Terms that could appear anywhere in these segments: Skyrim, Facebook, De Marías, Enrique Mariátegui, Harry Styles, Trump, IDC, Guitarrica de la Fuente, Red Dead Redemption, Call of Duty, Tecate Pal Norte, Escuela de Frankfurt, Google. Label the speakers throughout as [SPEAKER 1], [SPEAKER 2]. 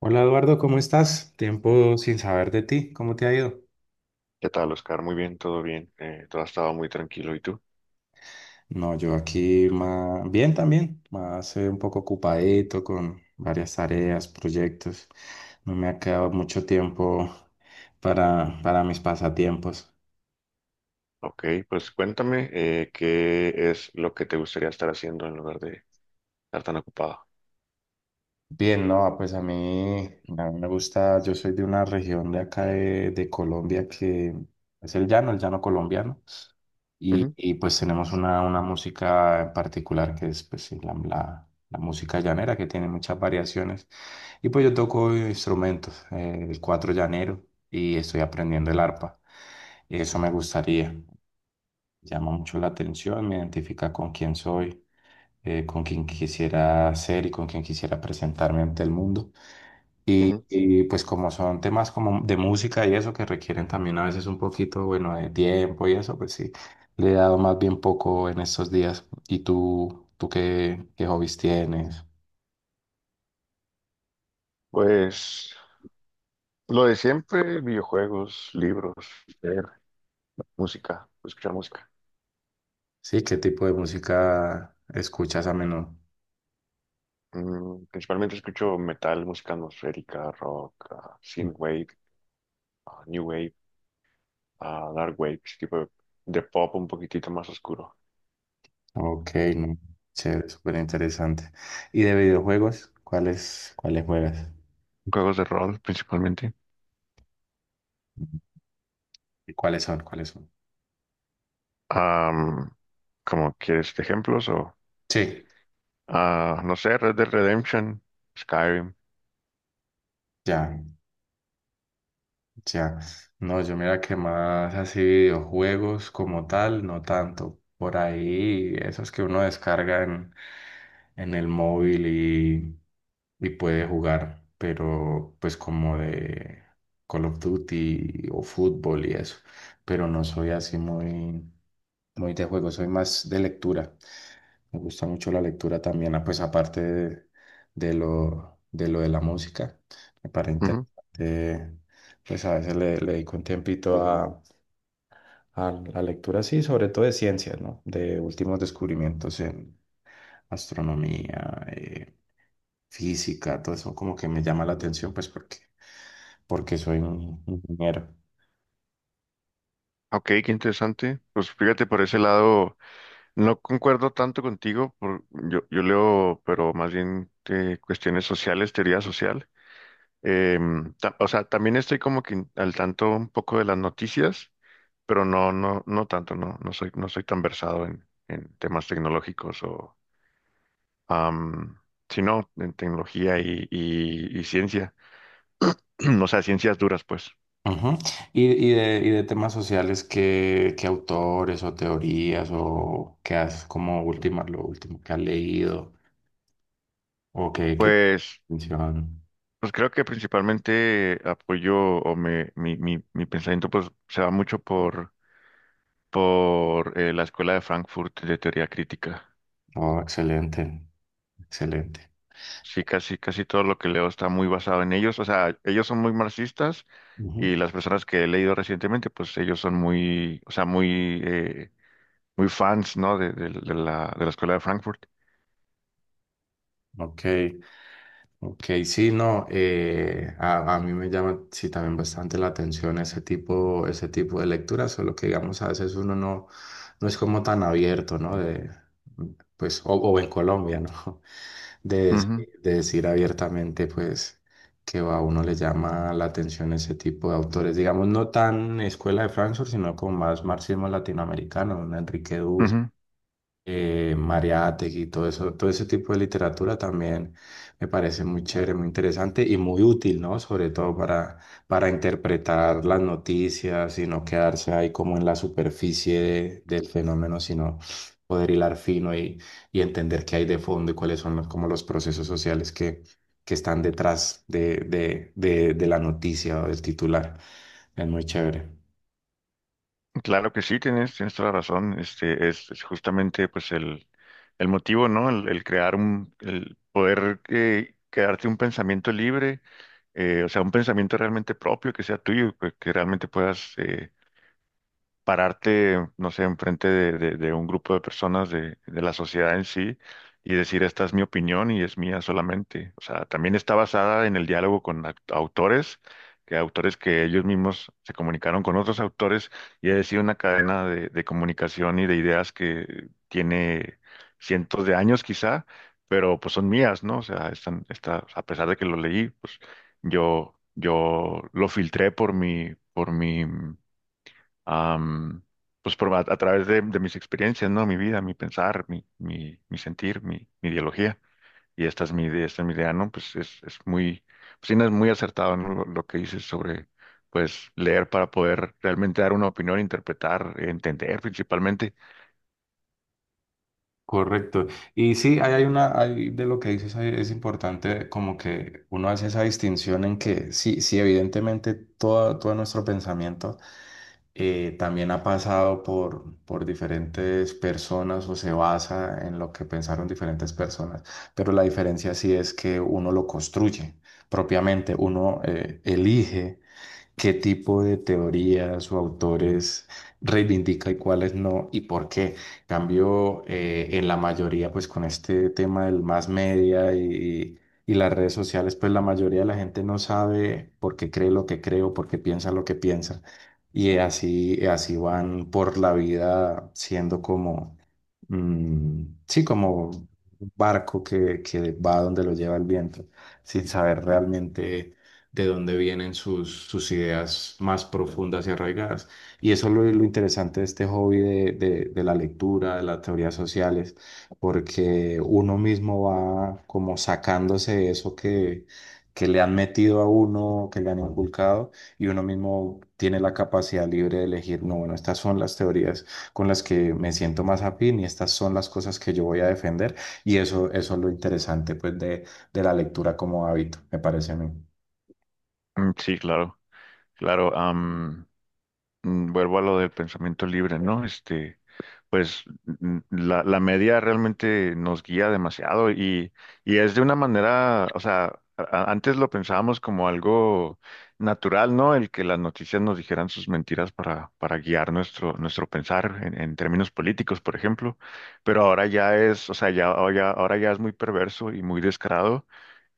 [SPEAKER 1] Hola Eduardo, ¿cómo estás? Tiempo sin saber de ti, ¿cómo te ha ido?
[SPEAKER 2] ¿Qué tal, Oscar? Muy bien, todo bien. Todo ha estado muy tranquilo. ¿Y tú?
[SPEAKER 1] No, yo aquí más bien también, más un poco ocupadito con varias tareas, proyectos. No me ha quedado mucho tiempo para mis pasatiempos.
[SPEAKER 2] Ok, pues cuéntame qué es lo que te gustaría estar haciendo en lugar de estar tan ocupado.
[SPEAKER 1] Bien, no, pues a mí me gusta, yo soy de una región de acá de Colombia que es el llano colombiano.
[SPEAKER 2] Ujú,
[SPEAKER 1] Pues tenemos una música en particular que es pues, sí, la música llanera que tiene muchas variaciones. Y pues yo toco instrumentos, el cuatro llanero y estoy aprendiendo el arpa. Y eso me gustaría, llama mucho la atención, me identifica con quién soy, con quién quisiera ser y con quién quisiera presentarme ante el mundo.
[SPEAKER 2] ujú.
[SPEAKER 1] Y pues como son temas como de música y eso que requieren también a veces un poquito, bueno, de tiempo y eso, pues sí, le he dado más bien poco en estos días. ¿Y tú qué, qué hobbies tienes?
[SPEAKER 2] Pues lo de siempre: videojuegos, libros, leer, música, escuchar música.
[SPEAKER 1] Sí, ¿qué tipo de música escuchas a menudo?
[SPEAKER 2] Mm, principalmente escucho metal, música atmosférica, rock, synthwave, new wave, dark wave, ese tipo de pop un poquitito más oscuro.
[SPEAKER 1] Ok, no, chévere, súper interesante. ¿Y de videojuegos? ¿Cuáles, cuáles juegas?
[SPEAKER 2] Juegos de rol, principalmente.
[SPEAKER 1] ¿Y cuáles son? ¿Cuáles son?
[SPEAKER 2] Am, ¿Cómo quieres ejemplos?
[SPEAKER 1] Sí,
[SPEAKER 2] No sé, Red Dead Redemption, Skyrim.
[SPEAKER 1] ya. Ya, no, yo mira que más así videojuegos como tal, no tanto. Por ahí, esos que uno descarga en el móvil y puede jugar, pero pues como de Call of Duty o fútbol y eso. Pero no soy así muy, muy de juego, soy más de lectura. Me gusta mucho la lectura también, ah, pues aparte de lo, de lo de la música, me parece
[SPEAKER 2] Ujú.
[SPEAKER 1] interesante, pues a veces le, le dedico un tiempito a la lectura, sí, sobre todo de ciencias, ¿no? De últimos descubrimientos en astronomía, física, todo eso como que me llama la atención, pues porque, porque soy un ingeniero.
[SPEAKER 2] Ok, qué interesante. Pues fíjate, por ese lado no concuerdo tanto contigo. Yo leo, pero más bien cuestiones sociales, teoría social. O sea, también estoy como que al tanto un poco de las noticias, pero no, no, no tanto. No, no soy, no soy tan versado en temas tecnológicos am, sino en tecnología y ciencia. O sea, ciencias duras, pues.
[SPEAKER 1] Ujú. Y de temas sociales, ¿qué, qué autores o teorías o qué has como última, lo último que has leído o qué, qué
[SPEAKER 2] Pues,
[SPEAKER 1] atención?
[SPEAKER 2] pues creo que principalmente apoyo o mi pensamiento pues se va mucho por la Escuela de Frankfurt de teoría crítica.
[SPEAKER 1] Oh, excelente, excelente.
[SPEAKER 2] Sí, casi, casi todo lo que leo está muy basado en ellos. O sea, ellos son muy marxistas,
[SPEAKER 1] Ujú.
[SPEAKER 2] y las personas que he leído recientemente, pues ellos son muy, o sea, muy, muy fans, ¿no? De la Escuela de Frankfurt.
[SPEAKER 1] Ok, ok, sí, no, a mí me llama sí también bastante la atención ese tipo de lecturas, solo que digamos a veces uno no, no es como tan abierto, ¿no? De, pues, o en Colombia, ¿no? de,
[SPEAKER 2] Ujú,
[SPEAKER 1] dec- de decir abiertamente, pues, que a uno le llama la atención ese tipo de autores, digamos, no tan escuela de Frankfurt, sino como más marxismo latinoamericano, un Enrique
[SPEAKER 2] ujú.
[SPEAKER 1] Mariátegui y todo eso, todo ese tipo de literatura también me parece muy chévere, muy interesante y muy útil, ¿no? Sobre todo para interpretar las noticias y no quedarse ahí como en la superficie de- del fenómeno, sino poder hilar fino y entender qué hay de fondo y cuáles son los, como los procesos sociales que están detrás de la noticia o del titular. Es muy chévere.
[SPEAKER 2] Claro que sí, tienes, tienes toda la razón. Es justamente pues el motivo, ¿no? El crear un, el poder quedarte un pensamiento libre. O sea, un pensamiento realmente propio que sea tuyo, que realmente puedas pararte, no sé, enfrente de un grupo de personas de la sociedad en sí y decir: esta es mi opinión y es mía solamente. O sea, también está basada en el diálogo con autores que ellos mismos se comunicaron con otros autores, y ha sido una cadena de comunicación y de ideas que tiene cientos de años quizá, pero pues son mías, ¿no? O sea, están, está, a pesar de que lo leí, pues yo lo filtré am, pues por, a través de mis experiencias, ¿no? Mi vida, mi pensar, mi sentir, mi ideología. Y esta es mi idea, esta es mi idea, ¿no? Pues es muy, pues sí, no, es muy acertado, ¿no? Lo que dices sobre, pues, leer para poder realmente dar una opinión, interpretar, entender principalmente.
[SPEAKER 1] Correcto. Y sí, ahí hay una, hay de lo que dices, ahí es importante como que uno hace esa distinción en que sí, sí, evidentemente todo, todo nuestro pensamiento también ha pasado por diferentes personas o se basa en lo que pensaron diferentes personas, pero la diferencia sí es que uno lo construye propiamente, uno elige. ¿Qué tipo de teorías o autores reivindica y cuáles no y por qué? En cambio, en la mayoría, pues con este tema del más media y las redes sociales, pues la mayoría de la gente no sabe por qué cree lo que cree o por qué piensa lo que piensa. Y así, así van por la vida siendo como sí, como un barco que va donde lo lleva el viento, sin saber realmente de dónde vienen sus, sus ideas más profundas y arraigadas. Y eso es lo interesante de este hobby de la lectura, de las teorías sociales, porque uno mismo va como sacándose eso que le han metido a uno, que le han inculcado, y uno mismo tiene la capacidad libre de elegir, no, bueno, estas son las teorías con las que me siento más afín y estas son las cosas que yo voy a defender y eso es lo interesante pues de la lectura como hábito, me parece a mí.
[SPEAKER 2] Mm, sí, claro, claro. Vuelvo a lo del pensamiento libre, ¿no? Pues la, la media realmente nos guía demasiado, y es de una manera, o sea, antes lo pensábamos como algo natural, ¿no? El que las noticias nos dijeran sus mentiras para guiar nuestro, nuestro pensar en términos políticos, por ejemplo. Pero ahora ya es, o sea, ya, ahora ya es muy perverso y muy descarado.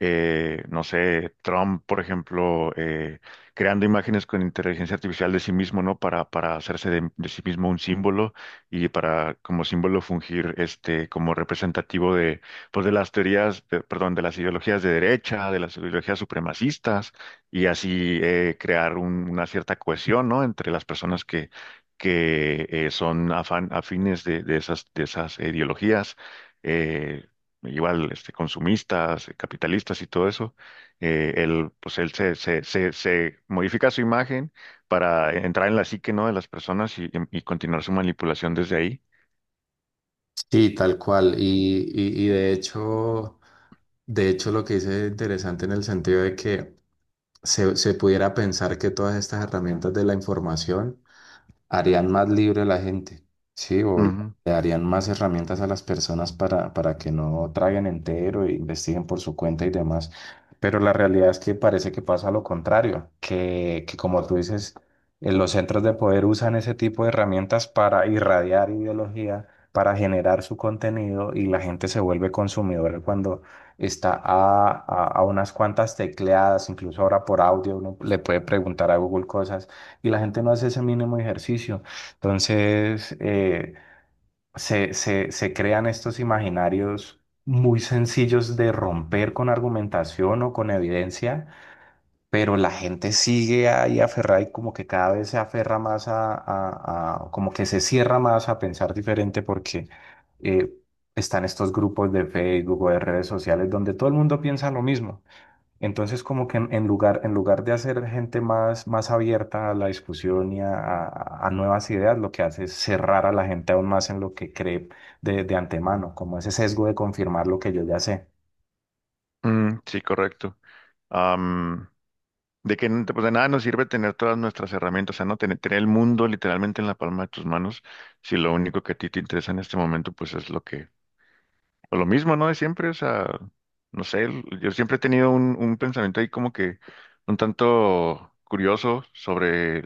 [SPEAKER 2] No sé, Trump, por ejemplo, creando imágenes con inteligencia artificial de sí mismo, ¿no? Para hacerse de sí mismo un símbolo, y para como símbolo fungir este como representativo de, pues, de las teorías, de- perdón, de las ideologías de derecha, de las ideologías supremacistas, y así crear un- una cierta cohesión, ¿no? Entre las personas que son afines de esas ideologías, eh, igual este consumistas, capitalistas y todo eso. Él, pues él se modifica su imagen para entrar en la psique, ¿no? De las personas, y continuar su manipulación desde ahí.
[SPEAKER 1] Sí, tal cual. Y de hecho, lo que dice es interesante en el sentido de que se pudiera pensar que todas estas herramientas de la información harían más libre a la gente, ¿sí? O le
[SPEAKER 2] Ujú.
[SPEAKER 1] darían más herramientas a las personas para que no traguen entero e investiguen por su cuenta y demás. Pero la realidad es que parece que pasa lo contrario, que como tú dices, los centros de poder usan ese tipo de herramientas para irradiar ideología, para generar su contenido y la gente se vuelve consumidora cuando está a unas cuantas tecleadas, incluso ahora por audio uno le puede preguntar a Google cosas y la gente no hace ese mínimo ejercicio. Entonces, se, se, se crean estos imaginarios muy sencillos de romper con argumentación o con evidencia, pero la gente sigue ahí aferrada y como que cada vez se aferra más a- como que se cierra más a pensar diferente porque eh, están estos grupos de Facebook o de redes sociales donde todo el mundo piensa lo mismo. Entonces, como que en lugar de hacer gente más, más abierta a la discusión y a nuevas ideas, lo que hace es cerrar a la gente aún más en lo que cree de antemano, como ese sesgo de confirmar lo que yo ya sé.
[SPEAKER 2] Mm, sí, correcto. Am, de que pues de nada nos sirve tener todas nuestras herramientas, o sea, no tener, tener el mundo literalmente en la palma de tus manos, si lo único que a ti te interesa en este momento pues es lo que, o lo mismo, ¿no? De siempre. O sea, no sé, yo siempre he tenido un pensamiento ahí como que un tanto curioso sobre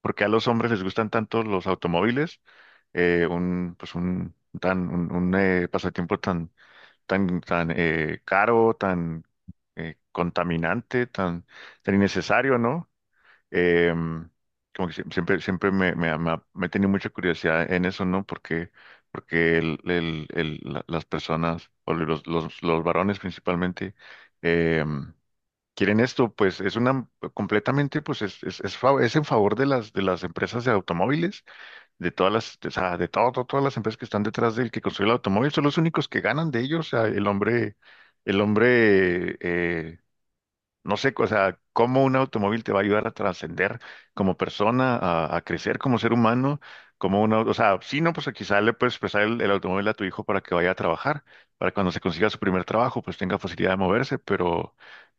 [SPEAKER 2] porque a los hombres les gustan tanto los automóviles. Un, pues un, tan, un, pasatiempo tan, tan, tan caro, tan contaminante, tan, tan innecesario, ¿no? Eh, Como que siempre, siempre me, me, me he tenido mucha curiosidad en eso, ¿no? Porque, porque las personas, o los varones principalmente, em, quieren esto, pues es una completamente, pues es, es en favor de las empresas de automóviles, de todas las, de, o sea, de todas las empresas que están detrás del que construye el automóvil, son los únicos que ganan de ellos. O sea, el hombre, no sé, o sea, cómo un automóvil te va a ayudar a trascender como persona, a crecer como ser humano, como una, o sea, sí, no, pues quizá le puedes prestar el automóvil a tu hijo para que vaya a trabajar, para cuando se consiga su primer trabajo, pues tenga facilidad de moverse.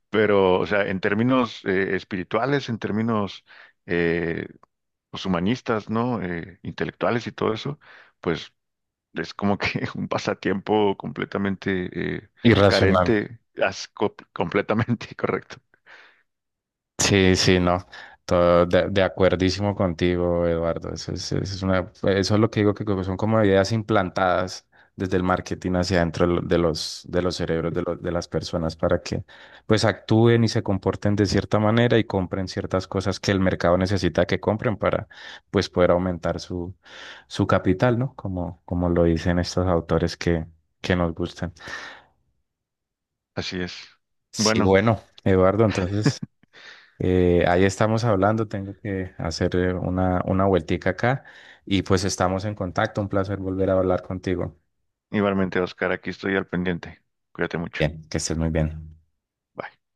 [SPEAKER 2] Pero, o sea, en términos espirituales, en términos eh, pues, humanistas, ¿no? Intelectuales y todo eso, pues es como que un pasatiempo completamente eh,
[SPEAKER 1] Irracional.
[SPEAKER 2] carente, completamente correcto.
[SPEAKER 1] Sí, sí, no. Todo de acuerdísimo contigo, Eduardo. Eso es una, eso es lo que digo que como son como ideas implantadas desde el marketing hacia adentro de lo- de los cerebros de, los- de las personas para que pues actúen y se comporten de cierta manera y compren ciertas cosas que el mercado necesita que compren para pues poder aumentar su, su capital, ¿no? Como, como lo dicen estos autores que nos gustan.
[SPEAKER 2] Así es.
[SPEAKER 1] Sí,
[SPEAKER 2] Bueno,
[SPEAKER 1] bueno, Eduardo, entonces. Ahí estamos hablando, tengo que hacer una vueltica acá y pues estamos en contacto. Un placer volver a hablar contigo.
[SPEAKER 2] igualmente, Oscar, aquí estoy al pendiente. Cuídate mucho.
[SPEAKER 1] Bien, que estés muy bien.
[SPEAKER 2] Bye.